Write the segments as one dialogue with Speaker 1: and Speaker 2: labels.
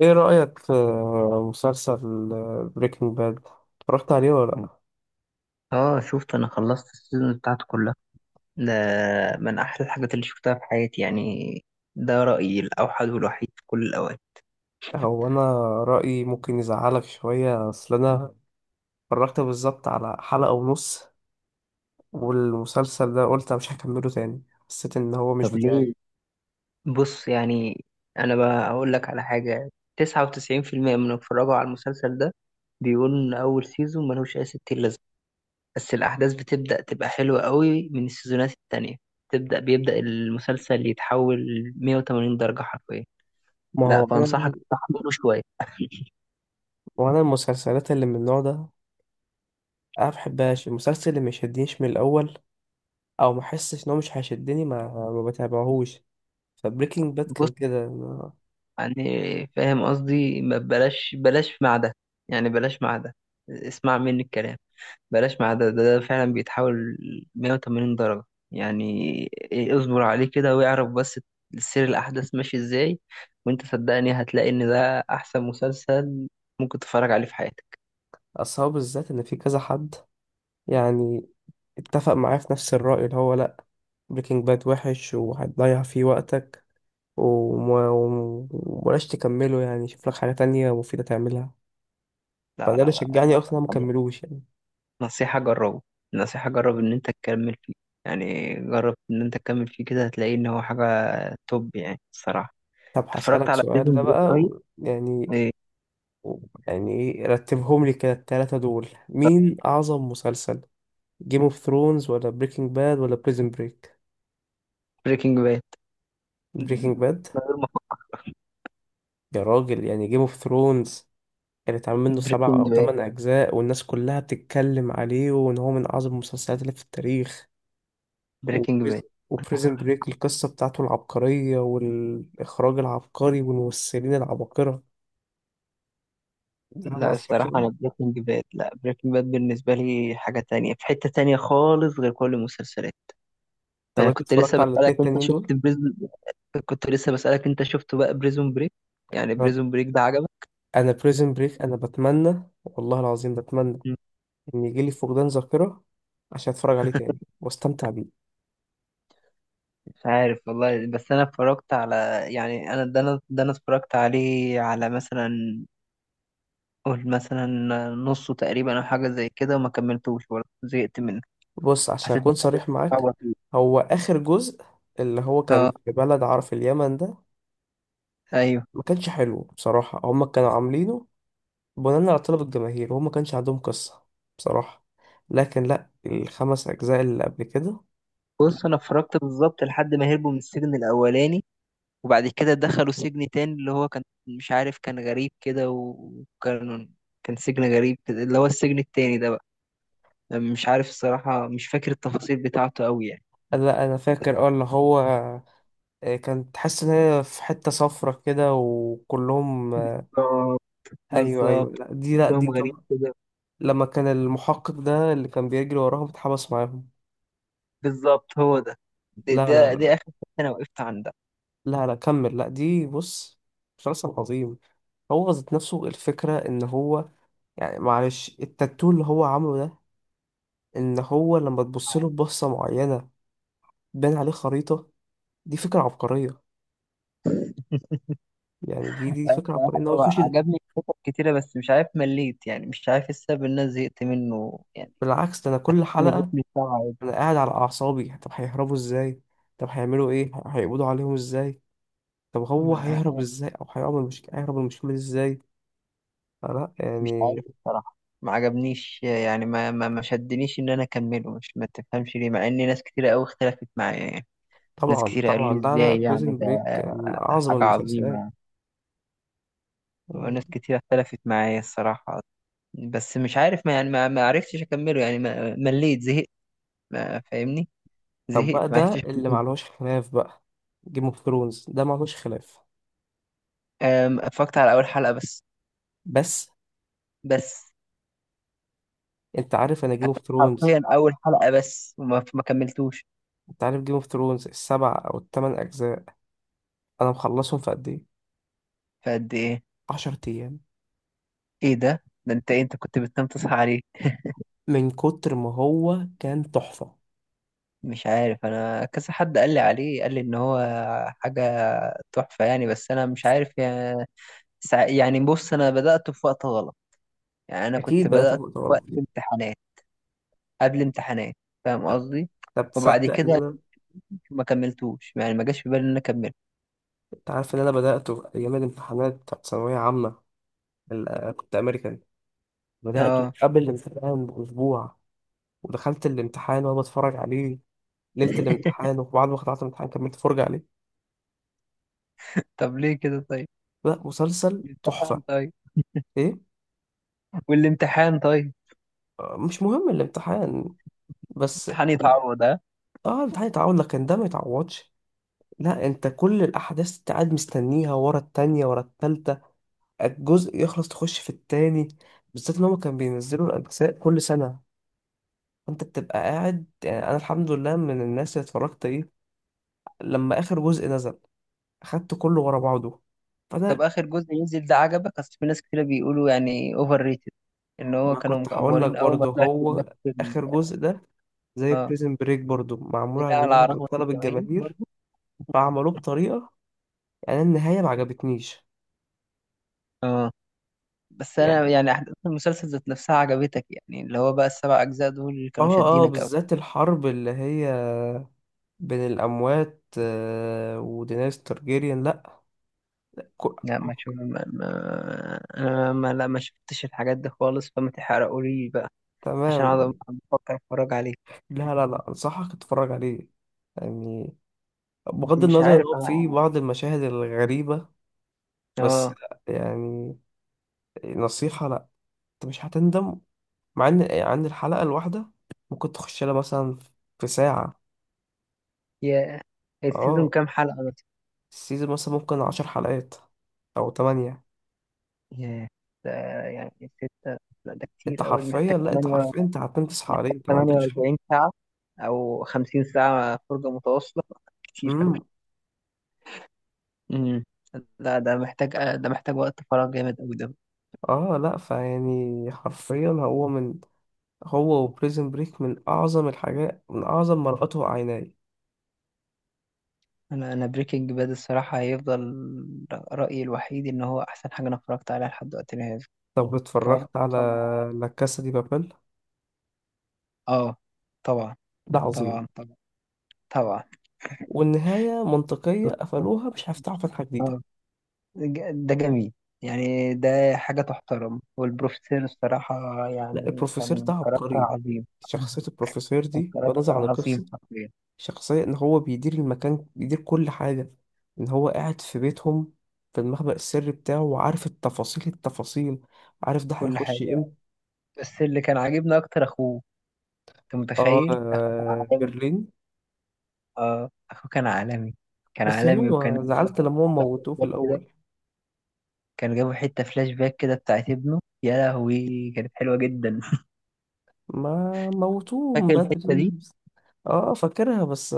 Speaker 1: ايه رأيك في مسلسل بريكنج باد؟ اتفرجت عليه ولا
Speaker 2: اه شفت. انا خلصت السيزون بتاعته كلها ده. من احلى الحاجات اللي شفتها في حياتي يعني. ده رأيي الاوحد والوحيد في كل الاوقات.
Speaker 1: لا. هو انا رأيي ممكن يزعلك شوية، اصل انا اتفرجت بالظبط على حلقة ونص والمسلسل ده قلت أنا مش هكمله تاني. حسيت ان هو مش
Speaker 2: طب
Speaker 1: بتاعي.
Speaker 2: ليه؟ بص يعني انا بقى اقول لك على حاجة. 99% من اللي اتفرجوا على المسلسل ده بيقولوا ان اول سيزون ملوش اي ستين لازمة، بس الاحداث بتبدأ تبقى حلوة قوي من السيزونات التانية. تبدأ بيبدأ المسلسل يتحول 180 درجة حرفيا.
Speaker 1: ما هو
Speaker 2: لا
Speaker 1: انا،
Speaker 2: فانصحك تحمله شوية.
Speaker 1: وانا المسلسلات اللي من النوع ده انا ما بحبهاش. المسلسل اللي ما يشدنيش من الاول او ما احسش ان هو مش هيشدني ما بتابعهوش. فبريكنج باد كان كده أنا-
Speaker 2: يعني فاهم قصدي؟ ما بلاش بلاش مع ده يعني بلاش مع ده. اسمع مني الكلام. بلاش مع ده ده فعلا بيتحول 180 درجة يعني. إيه، اصبر عليه كده واعرف بس سير الأحداث ماشي ازاي. وانت صدقني هتلاقي ان ده أحسن مسلسل ممكن تتفرج عليه في حياتك.
Speaker 1: اصحابي بالذات ان في كذا حد يعني اتفق معاه في نفس الرأي اللي هو لأ، بريكنج باد وحش وهتضيع فيه وقتك، وما- ومبلاش تكمله، يعني شوف لك حاجة تانية مفيدة تعملها.
Speaker 2: لا
Speaker 1: فده اللي
Speaker 2: لا لا
Speaker 1: شجعني
Speaker 2: لا
Speaker 1: أصلا أنا
Speaker 2: يعني.
Speaker 1: مكملوش يعني.
Speaker 2: نصيحة جربه. نصيحة جرب ان انت تكمل فيه. يعني جرب ان انت تكمل فيه كده، هتلاقي ان هو حاجة توب يعني الصراحة.
Speaker 1: طب
Speaker 2: اتفرجت
Speaker 1: هسألك
Speaker 2: على
Speaker 1: سؤال
Speaker 2: بريزون
Speaker 1: ده
Speaker 2: بريك؟
Speaker 1: بقى و- يعني
Speaker 2: ايه؟
Speaker 1: و- يعني إيه، رتبهم لي كده التلاتة دول، مين أعظم مسلسل، جيم اوف ثرونز ولا بريكنج باد ولا بريزن بريك؟
Speaker 2: بريكنج باد
Speaker 1: بريكنج
Speaker 2: من
Speaker 1: باد؟
Speaker 2: غير ما افكر.
Speaker 1: يا راجل، يعني جيم اوف ثرونز كان اتعمل منه سبع
Speaker 2: بريكنج
Speaker 1: أو
Speaker 2: باد،
Speaker 1: تمن أجزاء والناس كلها بتتكلم عليه وإن هو من أعظم المسلسلات اللي في التاريخ.
Speaker 2: بريكنج باد.
Speaker 1: وبريزن بريك، القصة بتاعته العبقرية والإخراج العبقري والممثلين العباقرة، ده ما
Speaker 2: لا
Speaker 1: أثرش
Speaker 2: الصراحة
Speaker 1: بقى؟
Speaker 2: أنا بريكنج باد، لا بريكنج باد بالنسبة لي حاجة تانية في حتة تانية خالص غير كل المسلسلات.
Speaker 1: طب
Speaker 2: ما
Speaker 1: أنت
Speaker 2: كنت لسه
Speaker 1: اتفرجت على
Speaker 2: بسألك
Speaker 1: الاتنين
Speaker 2: أنت
Speaker 1: التانيين دول؟
Speaker 2: شفت بريزون؟ كنت لسه بسألك أنت شفته بقى بريزون بريك؟ يعني
Speaker 1: أنا
Speaker 2: بريزون بريك ده عجبك؟
Speaker 1: أنا بريزن بريك، أنا بتمنى والله العظيم بتمنى
Speaker 2: مم.
Speaker 1: إن يجيلي فقدان ذاكرة عشان أتفرج عليه تاني وأستمتع بيه.
Speaker 2: مش عارف والله. بس أنا اتفرجت على يعني أنا ده أنا ده أنا اتفرجت عليه على مثلا، قول مثلا نصه تقريبا أو حاجة زي كده، وما كملتوش برضه، زهقت منه.
Speaker 1: بص عشان
Speaker 2: حسيت
Speaker 1: أكون صريح معاك،
Speaker 2: إن.
Speaker 1: هو آخر جزء اللي هو كان
Speaker 2: اه
Speaker 1: في بلد، عارف اليمن ده،
Speaker 2: ايوه.
Speaker 1: ما كانش حلو بصراحة. هما كانوا عاملينه بناء على طلب الجماهير وهما كانش عندهم قصة بصراحة. لكن لا، الخمس أجزاء اللي قبل كده.
Speaker 2: بص انا اتفرجت بالظبط لحد ما هربوا من السجن الاولاني، وبعد كده دخلوا سجن تاني اللي هو كان مش عارف، كان غريب كده وكان كان سجن غريب كده اللي هو السجن التاني ده بقى. مش عارف الصراحة، مش فاكر التفاصيل بتاعته قوي يعني.
Speaker 1: لا أنا فاكر، اه اللي هو كان تحس إن هي في حتة صفرة كده وكلهم
Speaker 2: بالظبط،
Speaker 1: أيوه أيوه،
Speaker 2: بالظبط،
Speaker 1: لا دي لا دي
Speaker 2: كلهم غريب
Speaker 1: طبعا.
Speaker 2: كده.
Speaker 1: لما كان المحقق ده اللي كان بيجري وراهم اتحبس معاهم.
Speaker 2: بالظبط هو ده. ده
Speaker 1: لا لا
Speaker 2: ده,
Speaker 1: لا
Speaker 2: ده اخر حتة انا وقفت عندها.
Speaker 1: لا، لا كمل. لا دي بص، مسلسل عظيم. هو ذات نفسه الفكرة إن هو، يعني معلش، التاتو اللي هو عامله ده، ان هو لما تبص له ببصه معينه بان عليه خريطه، دي فكره عبقريه. يعني دي فكره عبقريه
Speaker 2: الصراحة
Speaker 1: ان هو
Speaker 2: هو
Speaker 1: يخش ده.
Speaker 2: عجبني الكتب كتيرة، بس مش عارف مليت يعني. مش عارف السبب ان انا زهقت منه يعني
Speaker 1: بالعكس، ده انا كل
Speaker 2: من الريتم
Speaker 1: حلقه
Speaker 2: بتاعه.
Speaker 1: انا قاعد على اعصابي. طب هيهربوا ازاي؟ طب هيعملوا ايه؟ ه- هيقبضوا عليهم ازاي؟ طب هو هيهرب
Speaker 2: عادي.
Speaker 1: ازاي، او هيعمل مشكله هيهرب من المشكله دي ازاي؟ فلا
Speaker 2: مش
Speaker 1: يعني.
Speaker 2: عارف بصراحة. ما عجبنيش يعني ما شدنيش ان انا اكمله. مش ما تفهمش ليه، مع ان ناس كتيرة قوي اختلفت معايا يعني. ناس
Speaker 1: طبعا
Speaker 2: كتيرة قالوا
Speaker 1: طبعا،
Speaker 2: لي
Speaker 1: لا لا،
Speaker 2: ازاي يعني
Speaker 1: بريزن
Speaker 2: ده
Speaker 1: بريك من اعظم
Speaker 2: حاجة
Speaker 1: المسلسلات.
Speaker 2: عظيمة، وناس كتيرة اختلفت معايا الصراحة. بس مش عارف ما يعني ما عرفتش اكمله يعني ما مليت، زهقت ما فاهمني.
Speaker 1: طب
Speaker 2: زهقت
Speaker 1: بقى
Speaker 2: ما عرفتش
Speaker 1: ده اللي
Speaker 2: أكمله.
Speaker 1: معلهوش خلاف بقى، جيم اوف ثرونز ده معلهوش خلاف.
Speaker 2: اتفرجت على اول حلقة بس.
Speaker 1: بس
Speaker 2: بس
Speaker 1: انت عارف انا جيم اوف ثرونز،
Speaker 2: حرفيا اول حلقة بس، وما ما كملتوش.
Speaker 1: انت عارف جيم اوف ثرونز السبع او الثمان اجزاء انا مخلصهم في قد ايه؟
Speaker 2: فقد ايه؟
Speaker 1: 10 ايام.
Speaker 2: ايه ده؟ انت إيه؟ انت كنت بتنام تصحى عليه؟
Speaker 1: من كتر ما هو كان تحفة.
Speaker 2: مش عارف، انا كذا حد قال لي عليه، قال لي ان هو حاجه تحفه يعني، بس انا مش عارف يعني. يعني بص، انا بدات في وقت غلط. يعني انا كنت
Speaker 1: اكيد بدأت في
Speaker 2: بدات
Speaker 1: وقت
Speaker 2: في وقت
Speaker 1: غلط.
Speaker 2: امتحانات، قبل امتحانات، فاهم
Speaker 1: طب
Speaker 2: قصدي؟
Speaker 1: طب
Speaker 2: وبعد
Speaker 1: تصدق ان
Speaker 2: كده
Speaker 1: انا،
Speaker 2: ما كملتوش يعني ما جاش في بالي ان انا اكمل.
Speaker 1: انت عارف ان انا بدأته ايام الامتحانات بتاعت ثانوية عامة، ال- كنت امريكان، بدأته
Speaker 2: اه.
Speaker 1: قبل الامتحان باسبوع ودخلت الامتحان وانا بتفرج عليه ليلة الامتحان، وبعد ما خلصت الامتحان كملت فرجة عليه.
Speaker 2: طب ليه كده طيب؟
Speaker 1: لا مسلسل
Speaker 2: الامتحان
Speaker 1: تحفة.
Speaker 2: طيب
Speaker 1: ايه،
Speaker 2: والامتحان طيب؟
Speaker 1: مش مهم الامتحان. بس
Speaker 2: الامتحان يتعوض ها.
Speaker 1: اه الامتحان يتعوض لكن ده ما يتعوضش. لا انت كل الاحداث انت قاعد مستنيها، ورا التانية ورا التالتة، الجزء يخلص تخش في التاني. بالذات ان هما كانوا بينزلوا الاجزاء كل سنة، فانت بتبقى قاعد. يعني انا الحمد لله من الناس اللي اتفرجت ايه، لما اخر جزء نزل اخدته كله ورا بعضه.
Speaker 2: طب
Speaker 1: فانا
Speaker 2: اخر جزء ينزل ده عجبك؟ اصل في ناس كتير بيقولوا يعني اوفر ريتد، ان هو
Speaker 1: ما
Speaker 2: كانوا
Speaker 1: كنت هقول لك
Speaker 2: مكبرين قوي ما
Speaker 1: برضه،
Speaker 2: طلعش
Speaker 1: هو
Speaker 2: بنفس.
Speaker 1: اخر جزء ده زي
Speaker 2: اه
Speaker 1: بريزن بريك برضه معمول على
Speaker 2: لا، على
Speaker 1: مدار- على
Speaker 2: رغبة
Speaker 1: طلب
Speaker 2: الجماهير
Speaker 1: الجماهير،
Speaker 2: برضو.
Speaker 1: فعملوه بطريقة يعني النهاية ما عجبتنيش.
Speaker 2: اه بس انا
Speaker 1: يعني
Speaker 2: يعني احداث المسلسل ذات نفسها عجبتك يعني؟ اللي هو بقى السبع اجزاء دول اللي كانوا
Speaker 1: اه اه،
Speaker 2: شادينك قوي.
Speaker 1: بالذات الحرب اللي هي بين الأموات ودينيس تارجيريان لأ. كو-
Speaker 2: لا ما شو ما... ما... انا ما لا ما شفتش الحاجات دي خالص، فما تحرقولي بقى عشان
Speaker 1: تمام.
Speaker 2: اقعد بفكر اتفرج عليه.
Speaker 1: لا لا لا، أنصحك تتفرج عليه يعني. بغض
Speaker 2: مش
Speaker 1: النظر إن
Speaker 2: عارف
Speaker 1: هو فيه
Speaker 2: انا.
Speaker 1: بعض المشاهد الغريبة، بس
Speaker 2: اه.
Speaker 1: لأ يعني، نصيحة لأ، أنت مش هتندم. مع إن عن الحلقة الواحدة ممكن تخش لها مثلا في ساعة.
Speaker 2: يا، السيزون
Speaker 1: اه
Speaker 2: كام حلقة مثلا؟
Speaker 1: السيزون مثلا ممكن عشر حلقات أو تمانية.
Speaker 2: يا، ده يعني ستة؟ لا ده
Speaker 1: أنت
Speaker 2: كتير أوي، ده محتاج
Speaker 1: حرفيا لأ، أنت
Speaker 2: تمانية.
Speaker 1: حرفيا أنت هتنام تصحى عليه،
Speaker 2: محتاج
Speaker 1: أنت ما
Speaker 2: تمانية
Speaker 1: عندكش
Speaker 2: وأربعين ساعة أو خمسين ساعة فرجة متواصلة. كتير أوي.
Speaker 1: امم
Speaker 2: امم لا ده محتاج، ده محتاج وقت فراغ جامد قوي ده.
Speaker 1: اه. لا فيعني حرفيا هو من، هو وبريزن بريك من أعظم الحاجات، من أعظم ما رأته عيناي.
Speaker 2: انا بريكنج باد الصراحه هيفضل رايي الوحيد، ان هو احسن حاجه انا اتفرجت عليها لحد وقتنا هذا.
Speaker 1: طب
Speaker 2: هفضل
Speaker 1: اتفرجت على
Speaker 2: مع-
Speaker 1: لا كاسا دي بابل؟
Speaker 2: اه طبعا.
Speaker 1: ده عظيم،
Speaker 2: طبعا طبعا طبعا.
Speaker 1: والنهاية منطقية قفلوها، مش هيفتحوا فتحة جديدة.
Speaker 2: اه. ده جميل يعني. ده حاجه تحترم. والبروفيسور الصراحه
Speaker 1: لا
Speaker 2: يعني
Speaker 1: البروفيسور
Speaker 2: كان
Speaker 1: ده
Speaker 2: كاركتر
Speaker 1: عبقري.
Speaker 2: عظيم.
Speaker 1: شخصية البروفيسور
Speaker 2: كان
Speaker 1: دي بنظر
Speaker 2: كاركتر
Speaker 1: عن
Speaker 2: عظيم
Speaker 1: القصة،
Speaker 2: حرفيا،
Speaker 1: شخصية إن هو بيدير المكان بيدير كل حاجة، إن هو قاعد في بيتهم في المخبأ السري بتاعه وعارف التفاصيل التفاصيل، عارف ده
Speaker 2: كل
Speaker 1: هيخش
Speaker 2: حاجه.
Speaker 1: امتى.
Speaker 2: بس اللي كان عاجبني اكتر اخوه. انت متخيل
Speaker 1: اه برلين،
Speaker 2: اه اخوه كان عالمي. كان
Speaker 1: بس
Speaker 2: عالمي. وكان
Speaker 1: هو
Speaker 2: جابوا
Speaker 1: زعلت لما هم
Speaker 2: حتة فلاش
Speaker 1: موتوه في
Speaker 2: باك كده،
Speaker 1: الأول،
Speaker 2: كان جابوا حتة فلاش باك كده بتاعت ابنه، يا لهوي كانت حلوة جدا.
Speaker 1: ما موتوه من
Speaker 2: فاكر الحتة
Speaker 1: بدري.
Speaker 2: دي؟
Speaker 1: اه فاكرها، بس,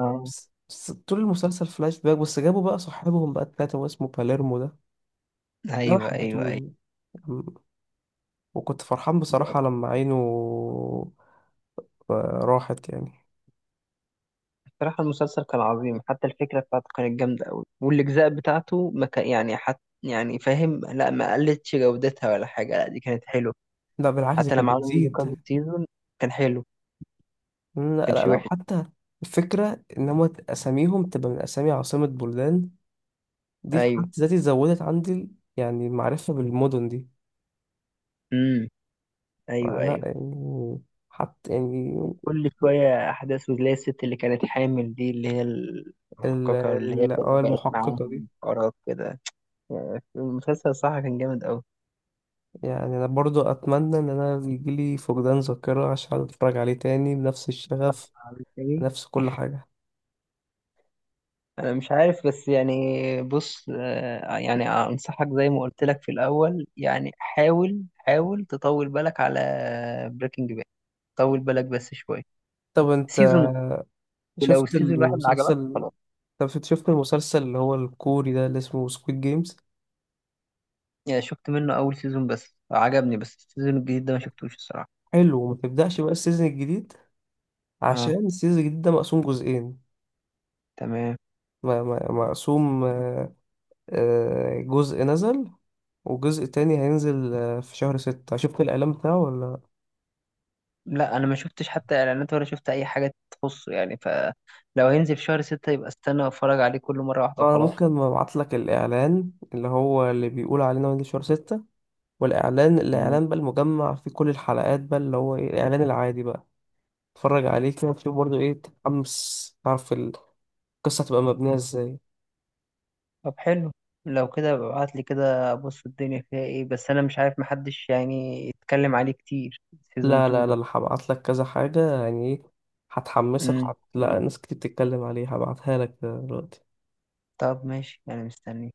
Speaker 2: اه
Speaker 1: بس, بس طول المسلسل فلاش باك، بس جابوا بقى صاحبهم بقى التلاتة واسمه باليرمو ده، ده ما
Speaker 2: ايوه ايوه
Speaker 1: حبيتهوش.
Speaker 2: ايوه.
Speaker 1: م- وكنت فرحان بصراحة لما عينه راحت يعني.
Speaker 2: بصراحة المسلسل كان عظيم، حتى الفكرة بتاعته كانت جامدة أوي، والأجزاء بتاعته ما كان يعني يعني فاهم؟ لا ما قلتش جودتها ولا حاجة، لا دي كانت حلوة.
Speaker 1: لا بالعكس دي
Speaker 2: حتى
Speaker 1: كانت
Speaker 2: لما عملوا منه
Speaker 1: بتزيد.
Speaker 2: كذا سيزون كان حلو، ما
Speaker 1: لا لا
Speaker 2: كانش
Speaker 1: لا،
Speaker 2: وحش.
Speaker 1: وحتى الفكرة إن هما أساميهم تبقى من أسامي عاصمة بلدان، دي في
Speaker 2: أيوه.
Speaker 1: حد ذاتي زودت عندي يعني المعرفة بالمدن دي.
Speaker 2: امم أيوه
Speaker 1: فلا
Speaker 2: أيوه.
Speaker 1: يعني، حتى يعني
Speaker 2: كل شوية أحداث، وتلاقي الست اللي كانت حامل دي اللي هي
Speaker 1: ال-
Speaker 2: المحققة اللي هي
Speaker 1: ال- اه
Speaker 2: كانت بقت
Speaker 1: المحققة دي.
Speaker 2: معاهم قرار كده. يعني المسلسل صح كان جامد أوي.
Speaker 1: يعني أنا برضو أتمنى إن أنا يجيلي فقدان ذاكرة عشان أتفرج عليه تاني بنفس الشغف،
Speaker 2: عبد الحليم،
Speaker 1: بنفس كل حاجة.
Speaker 2: أنا مش عارف بس يعني. بص آه، يعني أنصحك زي ما قلت لك في الأول، يعني حاول، حاول تطول بالك على بريكنج باد. طول بالك بس شوية
Speaker 1: طب أنت
Speaker 2: سيزون، ولو
Speaker 1: شفت
Speaker 2: السيزون الواحد ما عجبك
Speaker 1: المسلسل،
Speaker 2: خلاص.
Speaker 1: طب شفت شفت المسلسل اللي هو الكوري ده اللي اسمه سكويد جيمز؟
Speaker 2: يعني شفت منه أول سيزون بس، عجبني، بس السيزون الجديد ده ما شفتوش الصراحة.
Speaker 1: حلو، وما تبدأش بقى السيزون الجديد،
Speaker 2: اه
Speaker 1: عشان السيزون الجديد ده مقسوم جزئين.
Speaker 2: تمام.
Speaker 1: م- م- مقسوم جزء نزل وجزء تاني هينزل في شهر ستة، شفت الإعلان بتاعه ولا؟
Speaker 2: لا انا ما شفتش حتى اعلانات ولا شفت اي حاجه تخصه يعني، فلو هينزل في شهر ستة يبقى استنى اتفرج عليه كل مره واحده
Speaker 1: انا
Speaker 2: وخلاص.
Speaker 1: ممكن ابعت لك الاعلان اللي هو اللي بيقول علينا من شهر ستة، والاعلان الاعلان بقى المجمع فيه كل الحلقات بقى اللي هو ايه، الاعلان العادي بقى، اتفرج عليه كده تشوف برضه ايه، تتحمس، تعرف القصة هتبقى مبنية ازاي.
Speaker 2: طب حلو، لو كده ابعت لي كده ابص الدنيا فيها ايه، بس انا مش عارف محدش يعني يتكلم عليه كتير، سيزون
Speaker 1: لا لا
Speaker 2: 2 ده.
Speaker 1: لا لا، هبعت لك كذا حاجة يعني ايه، هتحمسك
Speaker 2: امم.
Speaker 1: وهت... لا ناس كتير بتتكلم عليه، هبعتها لك دلوقتي.
Speaker 2: طب ماشي انا مستني.